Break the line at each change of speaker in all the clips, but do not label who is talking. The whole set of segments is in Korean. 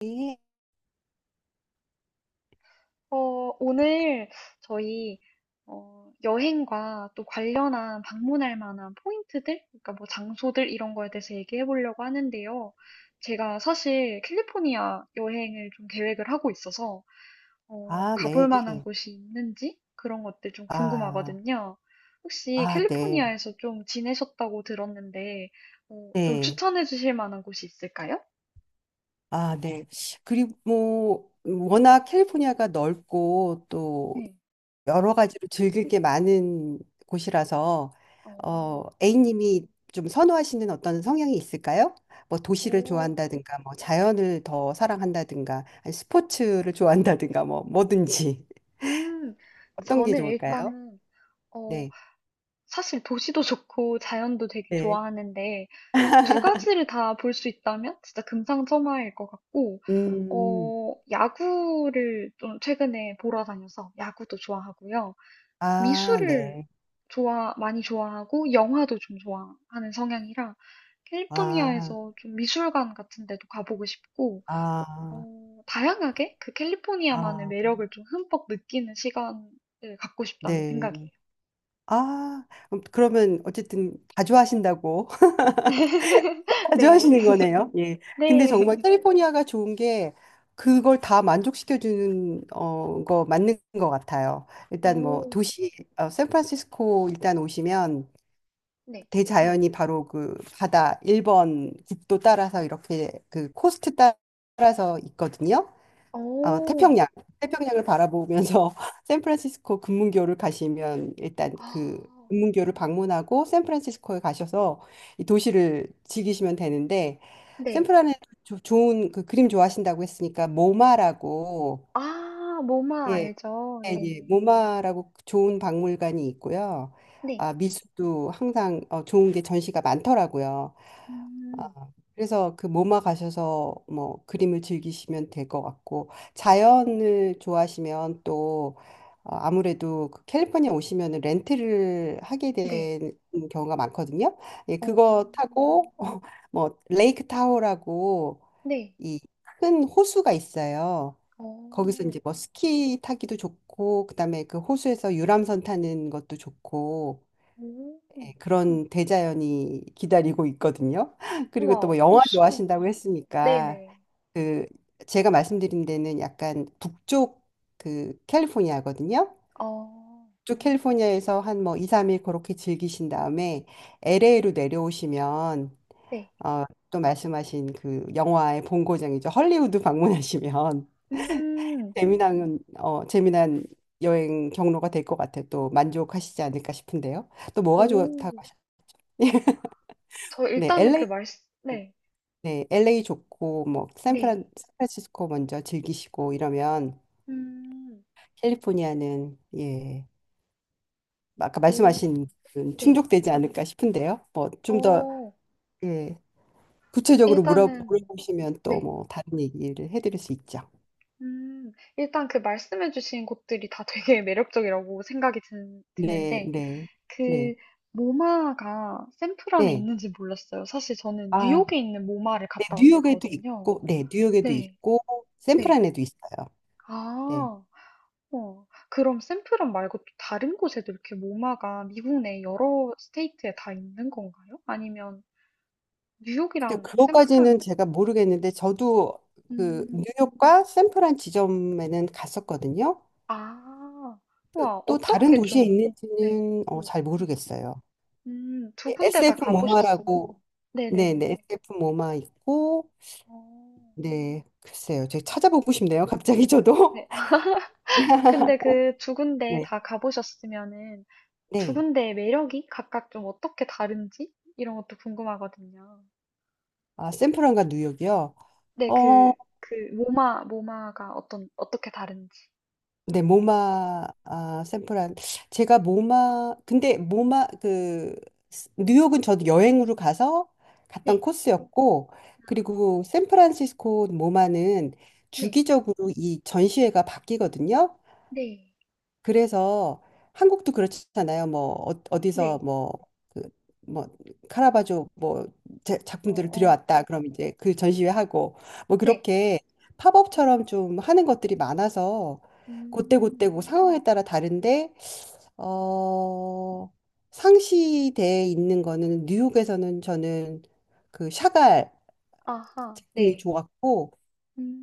네.
어, 오늘 저희 여행과 또 관련한 방문할 만한 포인트들, 그러니까 뭐 장소들 이런 거에 대해서 얘기해 보려고 하는데요. 제가 사실 캘리포니아 여행을 좀 계획을 하고 있어서
아,
가볼
네.
만한 곳이 있는지 그런 것들 좀
아,
궁금하거든요. 혹시
아, 네.
캘리포니아에서 좀 지내셨다고 들었는데 좀
네.
추천해 주실 만한 곳이 있을까요?
아, 네. 그리고 뭐, 워낙 캘리포니아가 넓고 또
네.
여러 가지로 즐길 게 많은 곳이라서,
어,
A님이 좀 선호하시는 어떤 성향이 있을까요? 뭐 도시를
오,
좋아한다든가, 뭐 자연을 더 사랑한다든가, 아니, 스포츠를 좋아한다든가, 뭐 뭐든지.
음,
어떤 게
저는
좋을까요?
일단은 어,
네.
사실 도시도 좋고 자연도 되게
네.
좋아하는데 두 가지를 다 볼 수 있다면 진짜 금상첨화일 것 같고
음,
야구를 좀 최근에 보러 다녀서 야구도 좋아하고요.
아,
미술을
네.
좋아 많이 좋아하고 영화도 좀 좋아하는 성향이라
아,
캘리포니아에서 좀 미술관 같은 데도 가보고 싶고
아.
다양하게 그 캘리포니아만의
아,
매력을 좀 흠뻑 느끼는 시간을 갖고 싶다는
네.
생각이에요.
아, 그러면 어쨌든 다 좋아하신다고 다
네.
좋아하시는 거네요. 예. 근데 정말
네.
캘리포니아가 좋은 게 그걸 다 만족시켜주는 거 맞는 것 같아요. 일단 뭐
오
도시 샌프란시스코 일단 오시면
네.
대자연이 바로 그 바다 1번 국도 따라서 이렇게 그 코스트 따라서 있거든요. 어,
오
태평양, 태평양을 바라보면서 샌프란시스코 금문교를 가시면 일단 그
아.
금문교를 방문하고 샌프란시스코에 가셔서 이 도시를 즐기시면 되는데
네.
샌프란에 좋은 그 그림 좋아하신다고 했으니까 모마라고
아 모마
예,
알죠.
예, 예,
네네.
모마라고 좋은 박물관이 있고요.
네.
아, 미술도 항상 좋은 게 전시가 많더라고요.
음.
그래서 그 모마 가셔서 뭐 그림을 즐기시면 될 것 같고 자연을 좋아하시면 또 아무래도 그 캘리포니아 오시면은 렌트를 하게
네.
된 경우가 많거든요. 예,
오
그거 타고 뭐 레이크 타호라고
네.
이 큰 호수가 있어요. 거기서
오.
이제 뭐 스키 타기도 좋고 그다음에 그 호수에서 유람선 타는 것도 좋고
오.
네, 그런 대자연이 기다리고 있거든요. 그리고 또
우와.
뭐 영화
호수.
좋아하신다고
음.
했으니까
네네.
그 제가 말씀드린 데는 약간 북쪽 그 캘리포니아거든요.
어.
북쪽 캘리포니아에서 한 뭐 2, 3일 그렇게 즐기신 다음에 LA로 내려오시면
네.
또 말씀하신 그 영화의 본고장이죠. 헐리우드 방문하시면
음.
재미난 여행 경로가 될 것 같아요. 또 만족하시지 않을까 싶은데요. 또 뭐가 좋다고
오.
하셨
저
네,
일단은 그
LA
말씀 네.
네, LA 좋고 뭐
네.
샌프란시스코 먼저 즐기시고 이러면
음.
캘리포니아는 예, 아까
오.
말씀하신 그
네.
충족되지 않을까 싶은데요. 뭐 좀 더
어.
예, 구체적으로 물어
일단은
물어보시면 또
네.
뭐 다른 얘기를 해드릴 수 있죠.
일단 그 말씀해주신 곳들이 다 되게 매력적이라고 생각이
네,
드는데,
네,
그
네,
모마가 샌프란에
네.
있는지 몰랐어요. 사실 저는
아,
뉴욕에 있는 모마를
네,
갔다
뉴욕에도
왔었거든요.
있고, 네, 뉴욕에도
네,
있고
네.
샌프란에도 있어요. 네.
아, 어. 그럼 샌프란 말고 또 다른 곳에도 이렇게 모마가 미국 내 여러 스테이트에 다 있는 건가요? 아니면
근데
뉴욕이랑
그것까지는
샌프란은,
제가
네.
모르겠는데 저도 그
음,
뉴욕과 샌프란 지점에는 갔었거든요.
아,
또
우와,
또 다른
어떻게
도시에
좀, 네,
있는지는 잘
네.
모르겠어요.
두 군데 다
SF
가보셨으
모마라고,
면
네네,
네네네네.
SF 모마 있고,
어.
네, 글쎄요. 제가 찾아보고 싶네요. 갑자기 저도.
네. 근데 그 두 군데
네,
다 가보셨으면은 두
네.
군데의 매력이 각각 좀 어떻게 다른지 이런 것도 궁금하거든요.
아, 샌프란과 뉴욕이요?
네,
어,
그, 그 모마, 모마가 어떻게 다른지.
네, 모마 아, 샌프란 제가 모마 근데 모마 그 뉴욕은 저도 여행으로 가서 갔던
네,
코스였고 그리고 샌프란시스코 모마는
네,
주기적으로 이 전시회가 바뀌거든요.
네,
그래서 한국도 그렇잖아요. 뭐 어디서
네.
뭐 그 뭐 카라바조 뭐
어,
작품들을
어,
들여왔다. 그럼 이제 그 전시회 하고 뭐
네.
그렇게 팝업처럼 좀 하는 것들이 많아서 그때그때
음,
그 상황에 따라 다른데 어 상시대에 있는 거는 뉴욕에서는 저는 그 샤갈
아하,
작품이
네.
좋았고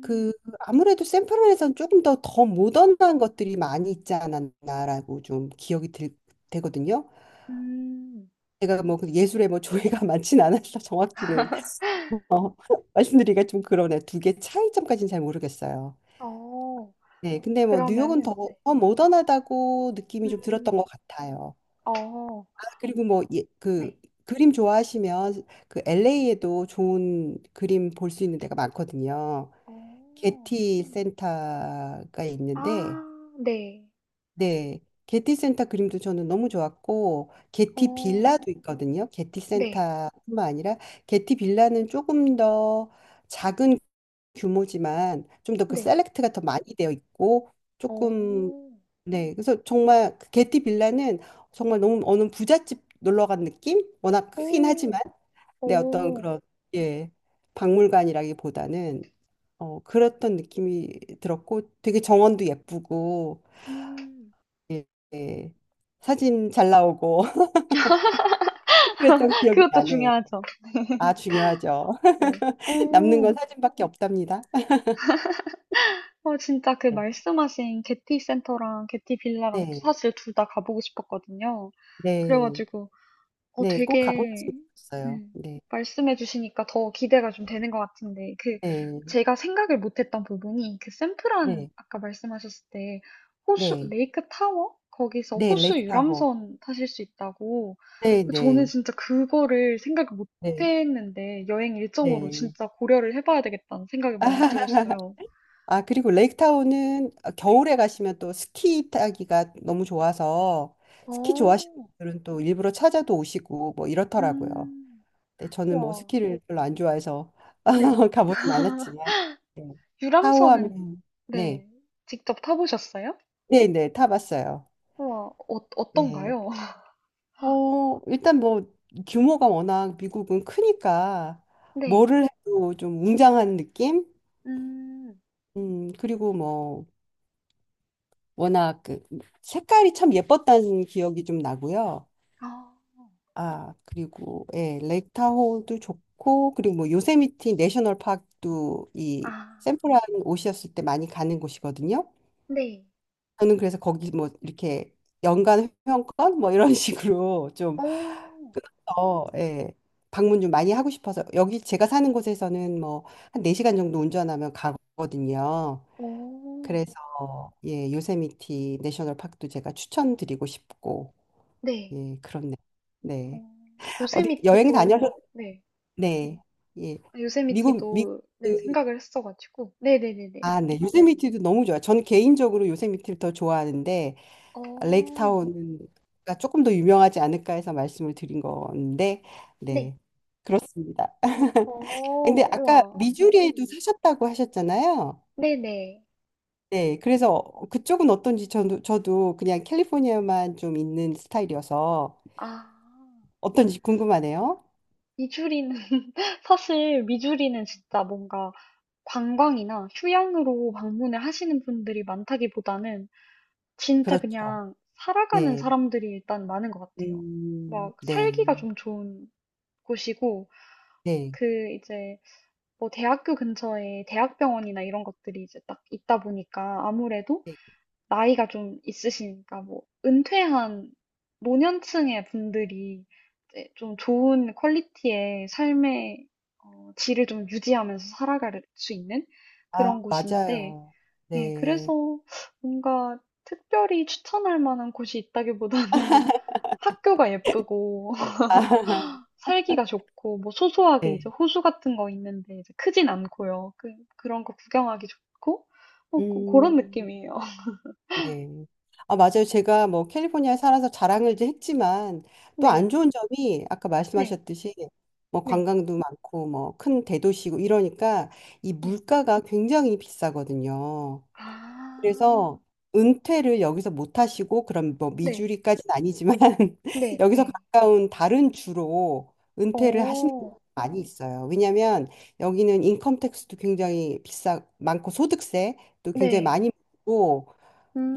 그 아무래도 샌프란에서는 조금 더 모던한 것들이 많이 있지 않았나라고 좀 기억이 들, 되거든요.
음.
제가 뭐그 예술에 뭐 조예가 많진 않아서 정확히는 어, 말씀드리기가 좀 그러네. 2개 차이점까지는 잘 모르겠어요.
어,
네, 근데 뭐 뉴욕은
그러면은,
더,
네.
더 모던하다고 느낌이 좀 들었던 것
음,
같아요.
어,
아, 그리고 뭐 예,
네.
그 그림 좋아하시면 그 LA에도 좋은 그림 볼 수 있는 데가 많거든요.
어.
게티 센터가
아
있는데
네.
네. 게티 센터 그림도 저는 너무 좋았고, 게티
어.
빌라도 있거든요. 게티
네.
센터뿐만 아니라, 게티 빌라는 조금 더 작은 규모지만, 좀 더 그
네.
셀렉트가 더 많이 되어 있고, 조금,
어.
네. 그래서 정말, 그 게티 빌라는 정말 너무 어느 부잣집 놀러 간 느낌? 워낙 크긴
오.
하지만, 네. 어떤
오.
그런, 예. 박물관이라기보다는, 그랬던 느낌이 들었고, 되게 정원도 예쁘고,
음.
예, 예. 사진 잘 나오고 그랬던 기억이
그것도
나네요.
중요하죠.
아, 중요하죠.
네.
남는 건
오.
사진밖에 없답니다.
진짜 그
네,
말씀하신 게티 센터랑 게티 빌라랑
네,
사실 둘 다 가보고 싶었거든요. 그래
네,
가지고
네, 꼭
되게,
가보셨으면 좋겠어요.
음,
네,
말씀해 주시니까 더 기대가 좀 되는 것 같은데, 그,
네,
제가 생각을 못 했던 부분이, 그 샌프란,
네,
아까 말씀하셨을 때, 호수,
네,
레이크 타워? 거기서
네,
호수
레이크 타호.
유람선 타실 수 있다고.
네,
저는
네,
진짜 그거를 생각을 못
네,
했는데, 여행 일정으로
네.
진짜 고려를 해봐야 되겠다는 생각이 많이 들었어요.
아, 그리고 레이크 타호는
네.
겨울에 가시면 또 스키 타기가 너무 좋아서 스키 좋아하시는
어,
분들은 또 일부러 찾아도 오시고 뭐 이렇더라고요.
음,
네, 저는 뭐
와.
스키를 별로 안 좋아해서
네.
가보진 않았지만 네.
유람선은,
타오하면 네,
네. 직접 타보셨어요?
네, 네, 타봤어요.
우와,
예.
어떤가요?
일단 뭐 규모가 워낙 미국은 크니까
네.
뭐를 해도 좀 웅장한 느낌?
음,
그리고 뭐 워낙 그 색깔이 참 예뻤다는 기억이 좀 나고요.
아,
아, 그리고 예, 레이크 타호도 좋고 그리고 뭐 요세미티 내셔널 파크도
아,
이 샌프란 오셨을 때 많이 가는 곳이거든요.
네.
저는 그래서 거기 뭐 이렇게 연간 회원권 뭐 이런 식으로 좀
오,
더, 예, 방문 좀 많이 하고 싶어서 여기 제가 사는 곳에서는 뭐 한 4시간 정도 운전하면 가거든요.
오,
그래서 예, 요세미티 내셔널 파크도 제가 추천드리고 싶고
네.
예, 그렇네요. 네. 네.
어,
어디 여행
요세미티도,
다녀서
네.
네. 예.
아,
미국 미
요세미티도, 네, 생각을 했어가지고. 네네네네.
아, 네. 요세미티도 너무 좋아요. 저는 개인적으로 요세미티를 더 좋아하는데
어,
레이크타운가 조금 더 유명하지 않을까 해서 말씀을 드린 건데,
네.
네, 그렇습니다.
어,
근데 아까
우와.
미주리에도 사셨다고 하셨잖아요.
네네.
네, 그래서 그쪽은 어떤지 저도 그냥 캘리포니아만 좀 있는 스타일이어서
아,
어떤지 궁금하네요.
미주리는, 사실 미주리는 진짜 뭔가 관광이나 휴양으로 방문을 하시는 분들이 많다기보다는 진짜
그렇죠.
그냥 살아가는
네,
사람들이 일단 많은 것 같아요. 막
네,
살기가 좀 좋은 곳이고,
네,
그 이제 뭐 대학교 근처에 대학병원이나 이런 것들이 이제 딱 있다 보니까 아무래도
네.
나이가 좀 있으시니까 뭐 은퇴한 노년층의 분들이 이제 좀 좋은 퀄리티의 삶의 질을 좀 유지하면서 살아갈 수 있는
아,
그런 곳인데,
맞아요.
네,
네,
그래서 뭔가 특별히 추천할 만한 곳이 있다기보다는 학교가 예쁘고
아,
살기가 좋고 뭐 소소하게 이제
네,
호수 같은 거 있는데 이제 크진 않고요. 그런 거 구경하기 좋고 뭐 그런
음.
느낌이에요.
네. 아, 맞아요. 제가 뭐 캘리포니아에 살아서 자랑을 이제 했지만 또
네,
안 좋은 점이 아까
네,
말씀하셨듯이 뭐
네,
관광도 많고 뭐 큰 대도시고 이러니까 이
네.
물가가 굉장히 비싸거든요.
아,
그래서 은퇴를 여기서 못 하시고 그럼 뭐
네,
미주리까지는 아니지만
네,
여기서
네.
가까운 다른 주로 은퇴를 하시는
오,
분들이 많이 있어요. 왜냐하면 여기는 인컴 텍스도 굉장히 비싸 많고 소득세도 굉장히
네,
많이 고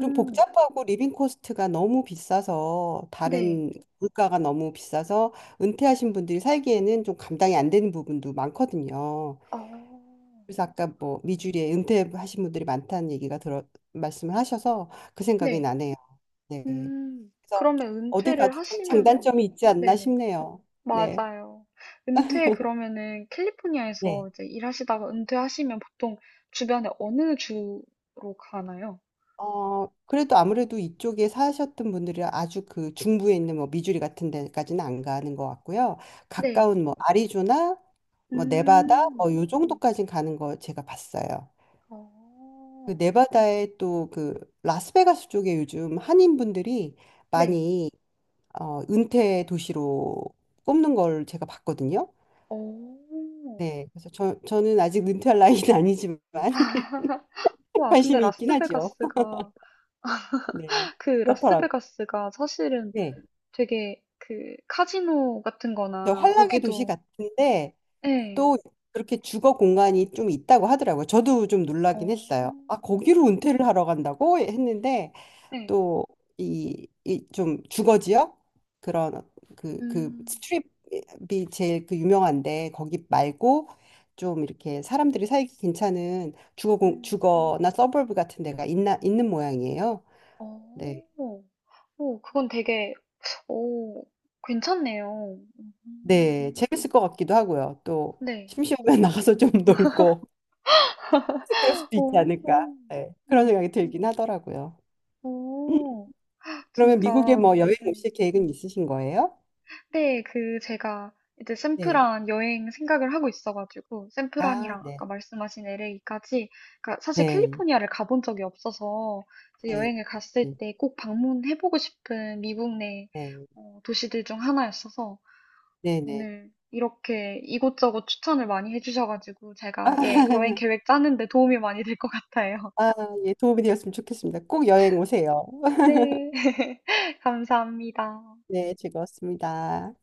그 복잡하고 리빙 코스트가 너무 비싸서
네,
다른 물가가 너무 비싸서 은퇴하신 분들이 살기에는 좀 감당이 안 되는 부분도 많거든요.
어,
그래서 아까 뭐 미주리에 은퇴하신 분들이 많다는 얘기가 들어 말씀을 하셔서 그 생각이
네,
나네요. 네. 그래서
그러면
어딜
은퇴를
가도 좀
하시면은
장단점이 있지 않나
네네.
싶네요. 네.
맞아요. 은퇴 그러면은
네.
캘리포니아에서 이제 일하시다가 은퇴하시면 보통 주변에 어느 주로 가나요?
그래도 아무래도 이쪽에 사셨던 분들이 아주 그 중부에 있는 뭐 미주리 같은 데까지는 안 가는 것 같고요.
네.
가까운 뭐 아리조나, 뭐 네바다,
음.
뭐 요 정도까는 가는 거 제가 봤어요. 그
어.
네바다에 또 그 라스베가스 쪽에 요즘 한인분들이
네.
많이 은퇴 도시로 꼽는 걸 제가 봤거든요.
어.
네. 그래서 저는 아직 은퇴할 나이는 아니지만
와, 근데
관심이 있긴 하죠.
라스베가스가
네. 그렇더라고요.
사실은
네.
되게 그 카지노 같은
저
거나
환락의 도시
거기도
같은데
네.
또 그렇게 주거 공간이 좀 있다고 하더라고요. 저도 좀
어.
놀라긴 했어요. 아, 거기로 은퇴를 하러 간다고 했는데
네.
또 이 좀 주거 지역 그런 그
음.
스트립이 제일 그 유명한데 거기 말고 좀 이렇게 사람들이 살기 괜찮은
음.
주거나 서버브 같은 데가 있나 있는 모양이에요. 네.
어. 오, 그건 되게 오, 괜찮네요.
네, 재밌을 것 같기도 하고요. 또
네.
심심하면 나가서 좀 놀고 그럴 수도 있지
오,
않을까.
오,
예, 그런
오,
생각이 들긴 하더라고요.
오,
그러면
진짜.
미국에 뭐 여행
네.
오실 계획은 있으신 거예요?
근데 그 제가 이제
네.
샌프란 여행 생각을 하고 있어가지고
아,
샌프란이랑
네.
아까 말씀하신 LA까지 그러니까 사실
네.
캘리포니아를 가본 적이 없어서 이제
네.
여행을 갔을
네.
때 꼭 방문해보고 싶은 미국 내
네.
도시들 중 하나였어서
네. 네.
오늘 이렇게 이곳저곳 추천을 많이 해주셔가지고
아,
제가 예, 여행 계획 짜는데 도움이 많이 될 것 같아요.
아, 예, 도움이 되었으면 좋겠습니다. 꼭 여행 오세요.
네, 감사합니다.
네, 즐거웠습니다.